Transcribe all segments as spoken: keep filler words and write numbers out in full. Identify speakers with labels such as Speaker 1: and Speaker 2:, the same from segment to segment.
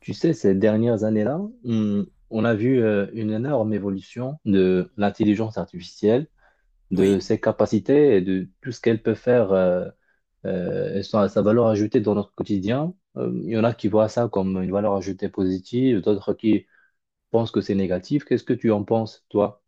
Speaker 1: Tu sais, ces dernières années-là, on, on a vu euh, une énorme évolution de l'intelligence artificielle, de
Speaker 2: Oui,
Speaker 1: ses capacités et de tout ce qu'elle peut faire euh, euh, et sa, sa valeur ajoutée dans notre quotidien. Euh, il y en a qui voient ça comme une valeur ajoutée positive, d'autres qui pensent que c'est négatif. Qu'est-ce que tu en penses, toi?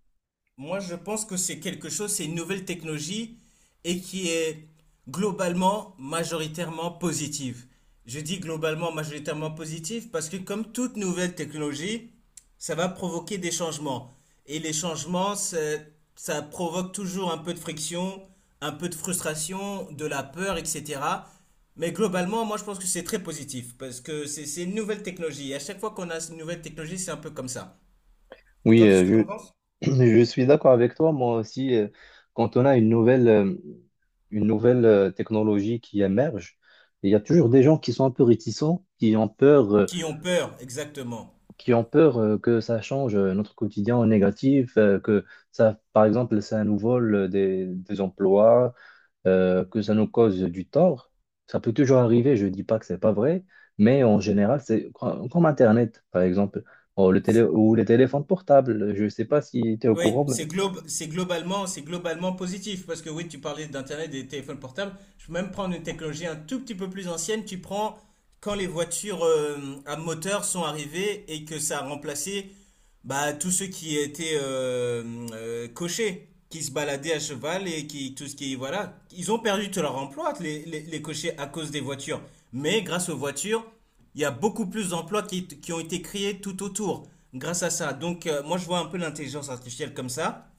Speaker 2: moi je pense que c'est quelque chose, c'est une nouvelle technologie et qui est globalement majoritairement positive. Je dis globalement majoritairement positive parce que comme toute nouvelle technologie, ça va provoquer des changements. Et les changements, c'est- ça provoque toujours un peu de friction, un peu de frustration, de la peur, et cetera. Mais globalement, moi je pense que c'est très positif parce que c'est c'est une nouvelle technologie. Et à chaque fois qu'on a une nouvelle technologie, c'est un peu comme ça.
Speaker 1: Oui,
Speaker 2: Toi, qu'est-ce que
Speaker 1: euh,
Speaker 2: t'en penses?
Speaker 1: je, Je suis d'accord avec toi. Moi aussi, euh, quand on a une nouvelle, euh, une nouvelle euh, technologie qui émerge, il y a toujours des gens qui sont un peu réticents, qui ont peur, euh,
Speaker 2: Qui ont peur, exactement.
Speaker 1: qui ont peur euh, que ça change euh, notre quotidien en négatif, euh, que ça, par exemple, ça nous vole euh, des, des emplois, euh, que ça nous cause du tort. Ça peut toujours arriver. Je dis pas que c'est pas vrai, mais en général, c'est com- comme Internet, par exemple. Oh, le télé ou les téléphones portables. Je ne sais pas si tu es au
Speaker 2: Oui,
Speaker 1: courant.
Speaker 2: c'est globe, c'est globalement, c'est globalement positif parce que oui, tu parlais d'internet et des téléphones portables. Je peux même prendre une technologie un tout petit peu plus ancienne. Tu prends quand les voitures euh, à moteur sont arrivées et que ça a remplacé bah, tous ceux qui étaient euh, euh, cochers, qui se baladaient à cheval et qui tout ce qui voilà, ils ont perdu tout leur emploi les, les, les cochers à cause des voitures. Mais grâce aux voitures, il y a beaucoup plus d'emplois qui, qui ont été créés tout autour grâce à ça. Donc, euh, moi, je vois un peu l'intelligence artificielle comme ça.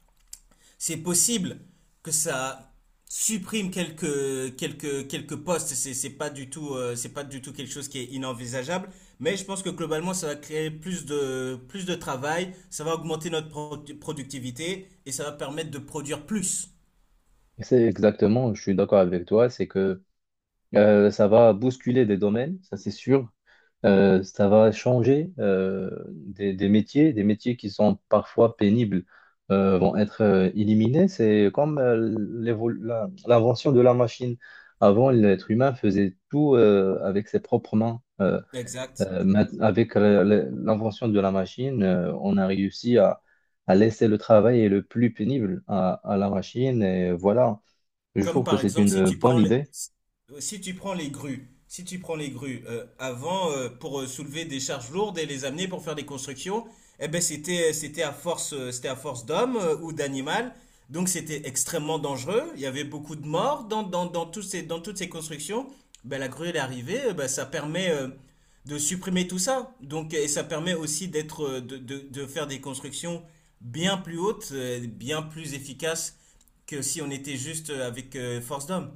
Speaker 2: C'est possible que ça supprime quelques, quelques, quelques postes. C'est, c'est pas du tout, euh, c'est pas du tout quelque chose qui est inenvisageable. Mais je pense que globalement, ça va créer plus de, plus de travail. Ça va augmenter notre pro- productivité et ça va permettre de produire plus.
Speaker 1: C'est exactement, je suis d'accord avec toi, c'est que euh, ça va bousculer des domaines, ça c'est sûr. Euh, ça va changer euh, des, des métiers, des métiers qui sont parfois pénibles euh, vont être euh, éliminés. C'est comme euh, l'évo- la- l'invention de la machine. Avant, l'être humain faisait tout euh, avec ses propres mains. Euh,
Speaker 2: Exact.
Speaker 1: euh, ma- avec la- la- l'invention de la machine, euh, on a réussi à, à laisser le travail et le plus pénible à à la machine. Et voilà. Je
Speaker 2: Comme
Speaker 1: trouve que
Speaker 2: par
Speaker 1: c'est
Speaker 2: exemple,
Speaker 1: une
Speaker 2: si
Speaker 1: euh,
Speaker 2: tu
Speaker 1: bonne
Speaker 2: prends les,
Speaker 1: idée.
Speaker 2: si euh, si tu prends les grues, si tu prends les grues, euh, avant, euh, pour euh, soulever des charges lourdes et les amener pour faire des constructions, eh ben c'était euh, c'était à force euh, c'était à force d'hommes euh, ou d'animal, donc c'était extrêmement dangereux. Il y avait beaucoup de morts dans dans dans tous ces dans toutes ces constructions. Ben la grue elle est arrivée, euh, ben, ça permet euh, de supprimer tout ça. Donc et ça permet aussi d'être euh, de, de de faire des constructions bien plus hautes, euh, bien plus efficaces que si on était juste euh, avec euh, force d'homme.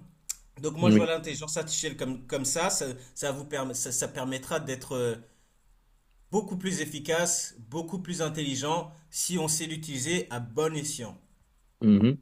Speaker 2: Donc moi je vois
Speaker 1: Oui.
Speaker 2: l'intelligence artificielle comme, comme ça, ça, ça vous permet, ça, ça permettra d'être euh, beaucoup plus efficace, beaucoup plus intelligent si on sait l'utiliser à bon escient.
Speaker 1: Mhm.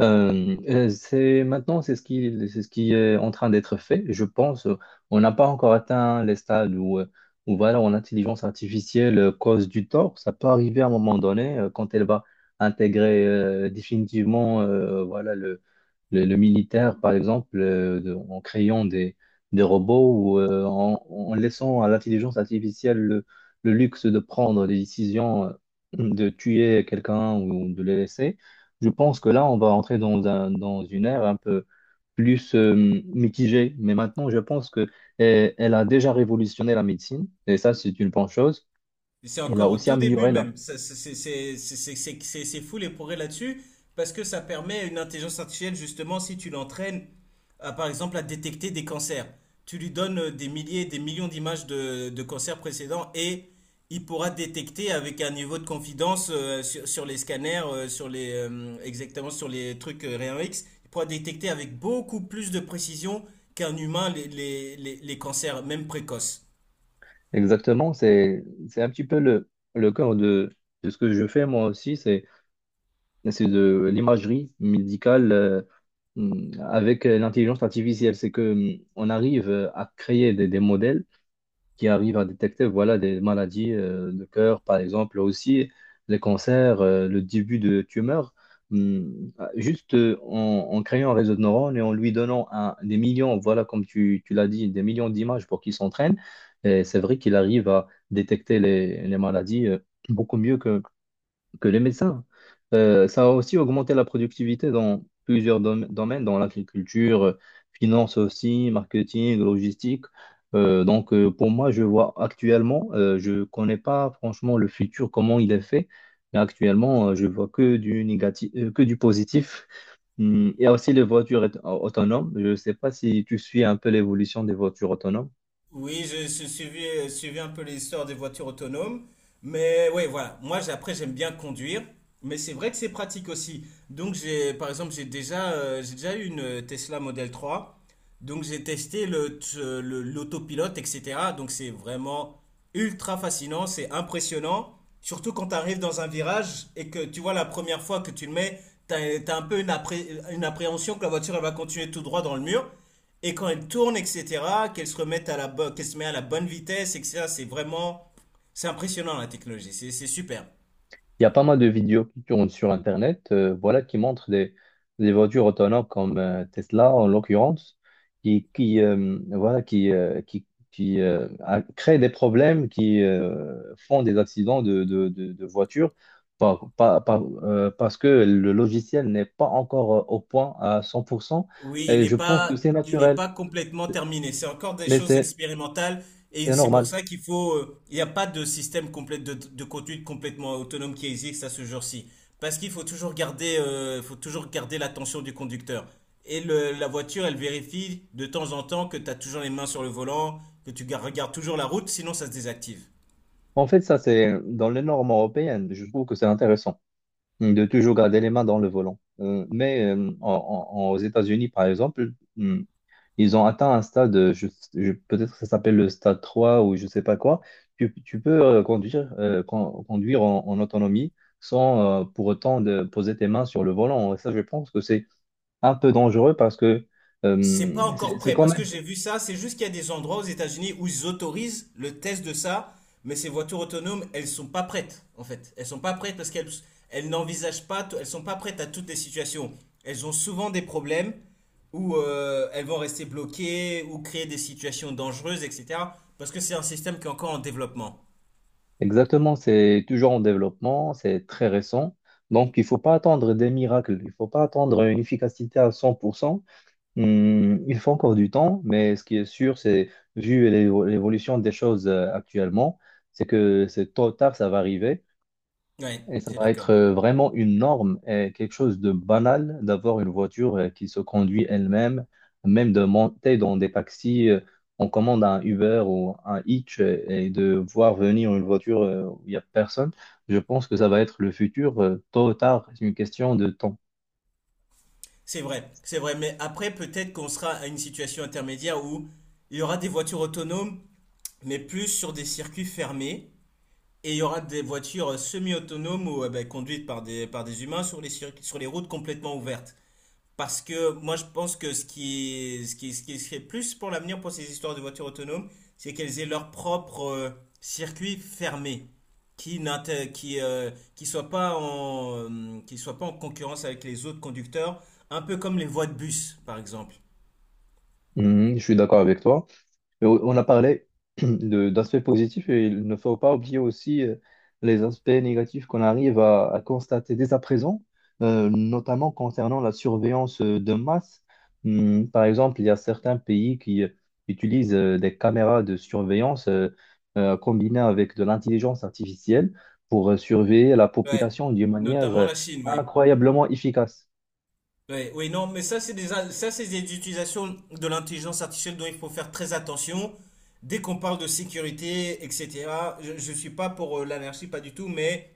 Speaker 1: Euh, euh, c'est maintenant, c'est ce qui, c'est ce qui est en train d'être fait. Je pense, euh, on n'a pas encore atteint les stades où, euh, où voilà, où l'intelligence artificielle euh, cause du tort. Ça peut arriver à un moment donné euh, quand elle va intégrer euh, définitivement, euh, voilà, le, le, le militaire, par exemple, euh, de- en créant des, des robots ou euh, en, en laissant à l'intelligence artificielle le, le luxe de prendre des décisions, euh, de tuer quelqu'un ou de le laisser. Je pense que là, on va entrer dans un, dans une ère un peu plus euh, mitigée. Mais maintenant, je pense que euh, elle a déjà révolutionné la médecine. Et ça, c'est une bonne chose.
Speaker 2: C'est
Speaker 1: Elle a
Speaker 2: encore au
Speaker 1: aussi
Speaker 2: tout début
Speaker 1: amélioré là.
Speaker 2: même. Ça, C'est c'est- c'est- c'est- c'est- c'est- c'est- c'est fou les progrès là-dessus, parce que ça permet à une intelligence artificielle, justement, si tu l'entraînes, à, par exemple, à détecter des cancers. Tu lui donnes euh, des milliers, des millions d'images de, de cancers précédents et il pourra détecter avec un niveau de confidence euh, sur, sur les scanners, euh, sur les, euh, exactement sur les trucs euh, rayon X, il pourra détecter avec beaucoup plus de précision qu'un humain les, les les- les cancers, même précoces.
Speaker 1: Exactement. C'est, c'est un petit peu le, le cœur de, de ce que je fais moi aussi. C'est, c'est de l'imagerie médicale euh, avec euh, l'intelligence artificielle. C'est que euh, on arrive à créer des, des modèles qui arrivent à détecter voilà, des maladies euh, de cœur, par exemple, aussi les cancers, euh, le début de tumeurs. Hum, ah, juste euh, en, en créant un réseau de neurones et en lui donnant un- des millions, voilà, comme tu, tu l'as dit, des millions d'images pour qu'il s'entraîne. Et c'est vrai qu'il arrive à détecter les, les maladies euh, beaucoup mieux que les médecins. Euh, ça a aussi augmenté la productivité dans plusieurs dom- domaines, dans l'agriculture, euh, finance aussi, marketing, logistique. Euh, donc, euh, pour moi, je vois actuellement, euh, je connais pas franchement le futur, comment il est fait, mais actuellement, euh, je vois que du négatif, euh, que du positif. Hum, Il y a aussi les voitures aut- autonomes. Je ne sais pas si tu suis un peu l'évolution des voitures autonomes.
Speaker 2: Oui, je, je suivi, euh, suivi un peu l'histoire des voitures autonomes. Mais ouais, voilà. Moi, j'ai- après, j'aime bien conduire. Mais c'est vrai que c'est pratique aussi. Donc, j'ai, par exemple, j'ai déjà, euh, j'ai déjà eu une euh, Tesla Model trois. Donc j'ai testé le, le- l'autopilote, et cetera. Donc c'est vraiment ultra fascinant, c'est impressionnant. Surtout quand tu arrives dans un virage et que tu vois la première fois que tu le mets, tu as, as un peu une, appré- une appréhension que la voiture elle va continuer tout droit dans le mur. Et quand elle tourne, et cetera, qu'elle se remette à la, bo- qu'elle se met à la bonne vitesse, et cetera, c'est vraiment. C'est impressionnant la technologie, c'est c'est super.
Speaker 1: Il y a pas mal de vidéos qui tournent sur Internet, euh, voilà, qui montrent des, des voitures autonomes comme euh, Tesla, en l'occurrence, qui, qui, euh, voilà, qui, euh, qui, qui euh, a- créent des problèmes, qui euh, font des accidents de, de, de, de voitures par- par- par- euh, parce que le logiciel n'est pas encore euh, au point à cent pour cent.
Speaker 2: Oui, il
Speaker 1: Et
Speaker 2: est
Speaker 1: je pense que
Speaker 2: pas,
Speaker 1: c'est
Speaker 2: il est
Speaker 1: naturel,
Speaker 2: pas complètement terminé. C'est encore des
Speaker 1: mais
Speaker 2: choses
Speaker 1: c'est
Speaker 2: expérimentales et
Speaker 1: c'est
Speaker 2: c'est pour
Speaker 1: normal.
Speaker 2: ça qu'il faut, euh, il n'y a pas de système complet de, de conduite complètement autonome qui existe à ce jour-ci. Parce qu'il faut toujours garder, euh, faut toujours garder l'attention du conducteur. Et le- la voiture, elle vérifie de temps en temps que tu as toujours les mains sur le volant, que tu gar- regardes toujours la route, sinon ça se désactive.
Speaker 1: En fait, ça, c'est dans les normes européennes. Je trouve que c'est intéressant de toujours garder les mains dans le volant. Euh, mais euh, en- en- en- aux États-Unis, par exemple, hum, ils ont atteint un stade, euh, je, je- peut-être que ça s'appelle le stade trois ou je ne sais pas quoi. Tu, tu peux euh, conduire, euh, con- conduire en, en autonomie sans euh, pour autant de poser tes mains sur le volant. Et ça, je pense que c'est un peu dangereux parce que
Speaker 2: C'est pas
Speaker 1: hum,
Speaker 2: encore
Speaker 1: c'est c'est
Speaker 2: prêt
Speaker 1: quand
Speaker 2: parce que
Speaker 1: même,
Speaker 2: j'ai vu ça. C'est juste qu'il y a des endroits aux États-Unis où ils autorisent le test de ça, mais ces voitures autonomes, elles sont pas prêtes en fait. Elles sont pas prêtes parce qu'elles elles n'envisagent pas, tout- elles sont pas prêtes à toutes les situations. Elles ont souvent des problèmes où euh, elles vont rester bloquées ou créer des situations dangereuses, et cetera. Parce que c'est un système qui est encore en développement.
Speaker 1: exactement, c'est toujours en développement, c'est très récent. Donc, il ne faut pas attendre des miracles, il ne faut pas attendre une efficacité à cent pour cent. Hmm, il faut encore du temps, mais ce qui est sûr, c'est, vu l'évo- l'évolution des choses euh, actuellement, c'est que c'est tôt ou tard, ça va arriver
Speaker 2: Ouais,
Speaker 1: et ça
Speaker 2: c'est
Speaker 1: va être
Speaker 2: d'accord.
Speaker 1: euh, vraiment une norme et quelque chose de banal d'avoir une voiture euh, qui se conduit elle-même, même de monter dans des taxis. euh, On commande un Uber ou un Hitch euh, et de voir venir une voiture euh, où il n'y a personne. Je pense que ça va être le futur, euh, tôt ou tard, c'est une question de temps.
Speaker 2: C'est vrai, c'est vrai, mais après peut-être qu'on sera à une situation intermédiaire où il y aura des voitures autonomes, mais plus sur des circuits fermés, et il y aura des voitures semi-autonomes ou euh, ben, conduites par des, par des humains sur les, cir- sur les routes complètement ouvertes. Parce que moi, je pense que ce qui est, ce qui ce qui serait plus pour l'avenir pour ces histoires de voitures autonomes, c'est qu'elles aient leur propre euh, circuit fermé, qui n'inté- qui, euh, qui soit pas en, euh, qui soit pas en concurrence avec les autres conducteurs, un peu comme les voies de bus, par exemple.
Speaker 1: Hmm, je suis d'accord avec toi. Mais on on a parlé de- d'aspects positifs et il ne faut pas oublier aussi euh, les aspects négatifs qu'on arrive à, à constater dès à présent, euh, notamment concernant la surveillance euh, de masse. Hmm, par exemple, il y a certains pays qui euh, utilisent euh, des caméras de surveillance euh, euh, combinées avec de l'intelligence artificielle pour euh, surveiller la
Speaker 2: Ouais,
Speaker 1: population d'une manière
Speaker 2: notamment
Speaker 1: euh,
Speaker 2: la Chine, oui.
Speaker 1: incroyablement efficace.
Speaker 2: Oui, oui, non, mais ça, c'est des, ça, c'est des utilisations de l'intelligence artificielle dont il faut faire très attention. Dès qu'on parle de sécurité, et cetera, je ne suis pas pour euh, l'anarchie, pas du tout, mais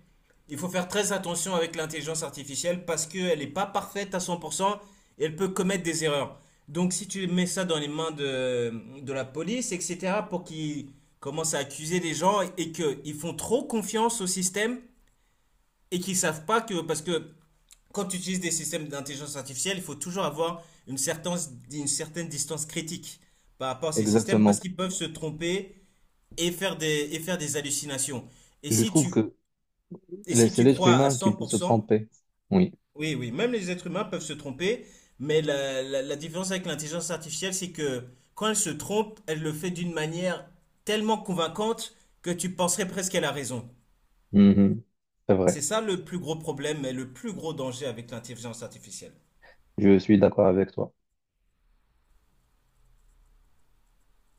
Speaker 2: il faut faire très attention avec l'intelligence artificielle parce qu'elle n'est pas parfaite à cent pour cent et elle peut commettre des erreurs. Donc, si tu mets ça dans les mains de, de la police, et cetera, pour qu'ils commencent à accuser des gens et qu'ils font trop confiance au système et qu'ils savent pas que, parce que quand tu utilises des systèmes d'intelligence artificielle, il faut toujours avoir une certaine, une certaine distance critique par rapport à ces systèmes
Speaker 1: Exactement.
Speaker 2: parce qu'ils peuvent se tromper et faire des, et faire des hallucinations. Et
Speaker 1: Je
Speaker 2: si
Speaker 1: trouve
Speaker 2: tu,
Speaker 1: que
Speaker 2: et
Speaker 1: les-
Speaker 2: si
Speaker 1: c'est
Speaker 2: tu
Speaker 1: l'être
Speaker 2: crois à
Speaker 1: humain qui peut se
Speaker 2: cent pour cent,
Speaker 1: tromper. Oui.
Speaker 2: oui, oui, même les êtres humains peuvent se tromper, mais la, la, la différence avec l'intelligence artificielle, c'est que quand elle se trompe, elle le fait d'une manière tellement convaincante que tu penserais presque qu'elle a raison.
Speaker 1: Mhm. C'est vrai,
Speaker 2: C'est ça le plus gros problème et le plus gros danger avec l'intelligence artificielle.
Speaker 1: je suis d'accord avec toi.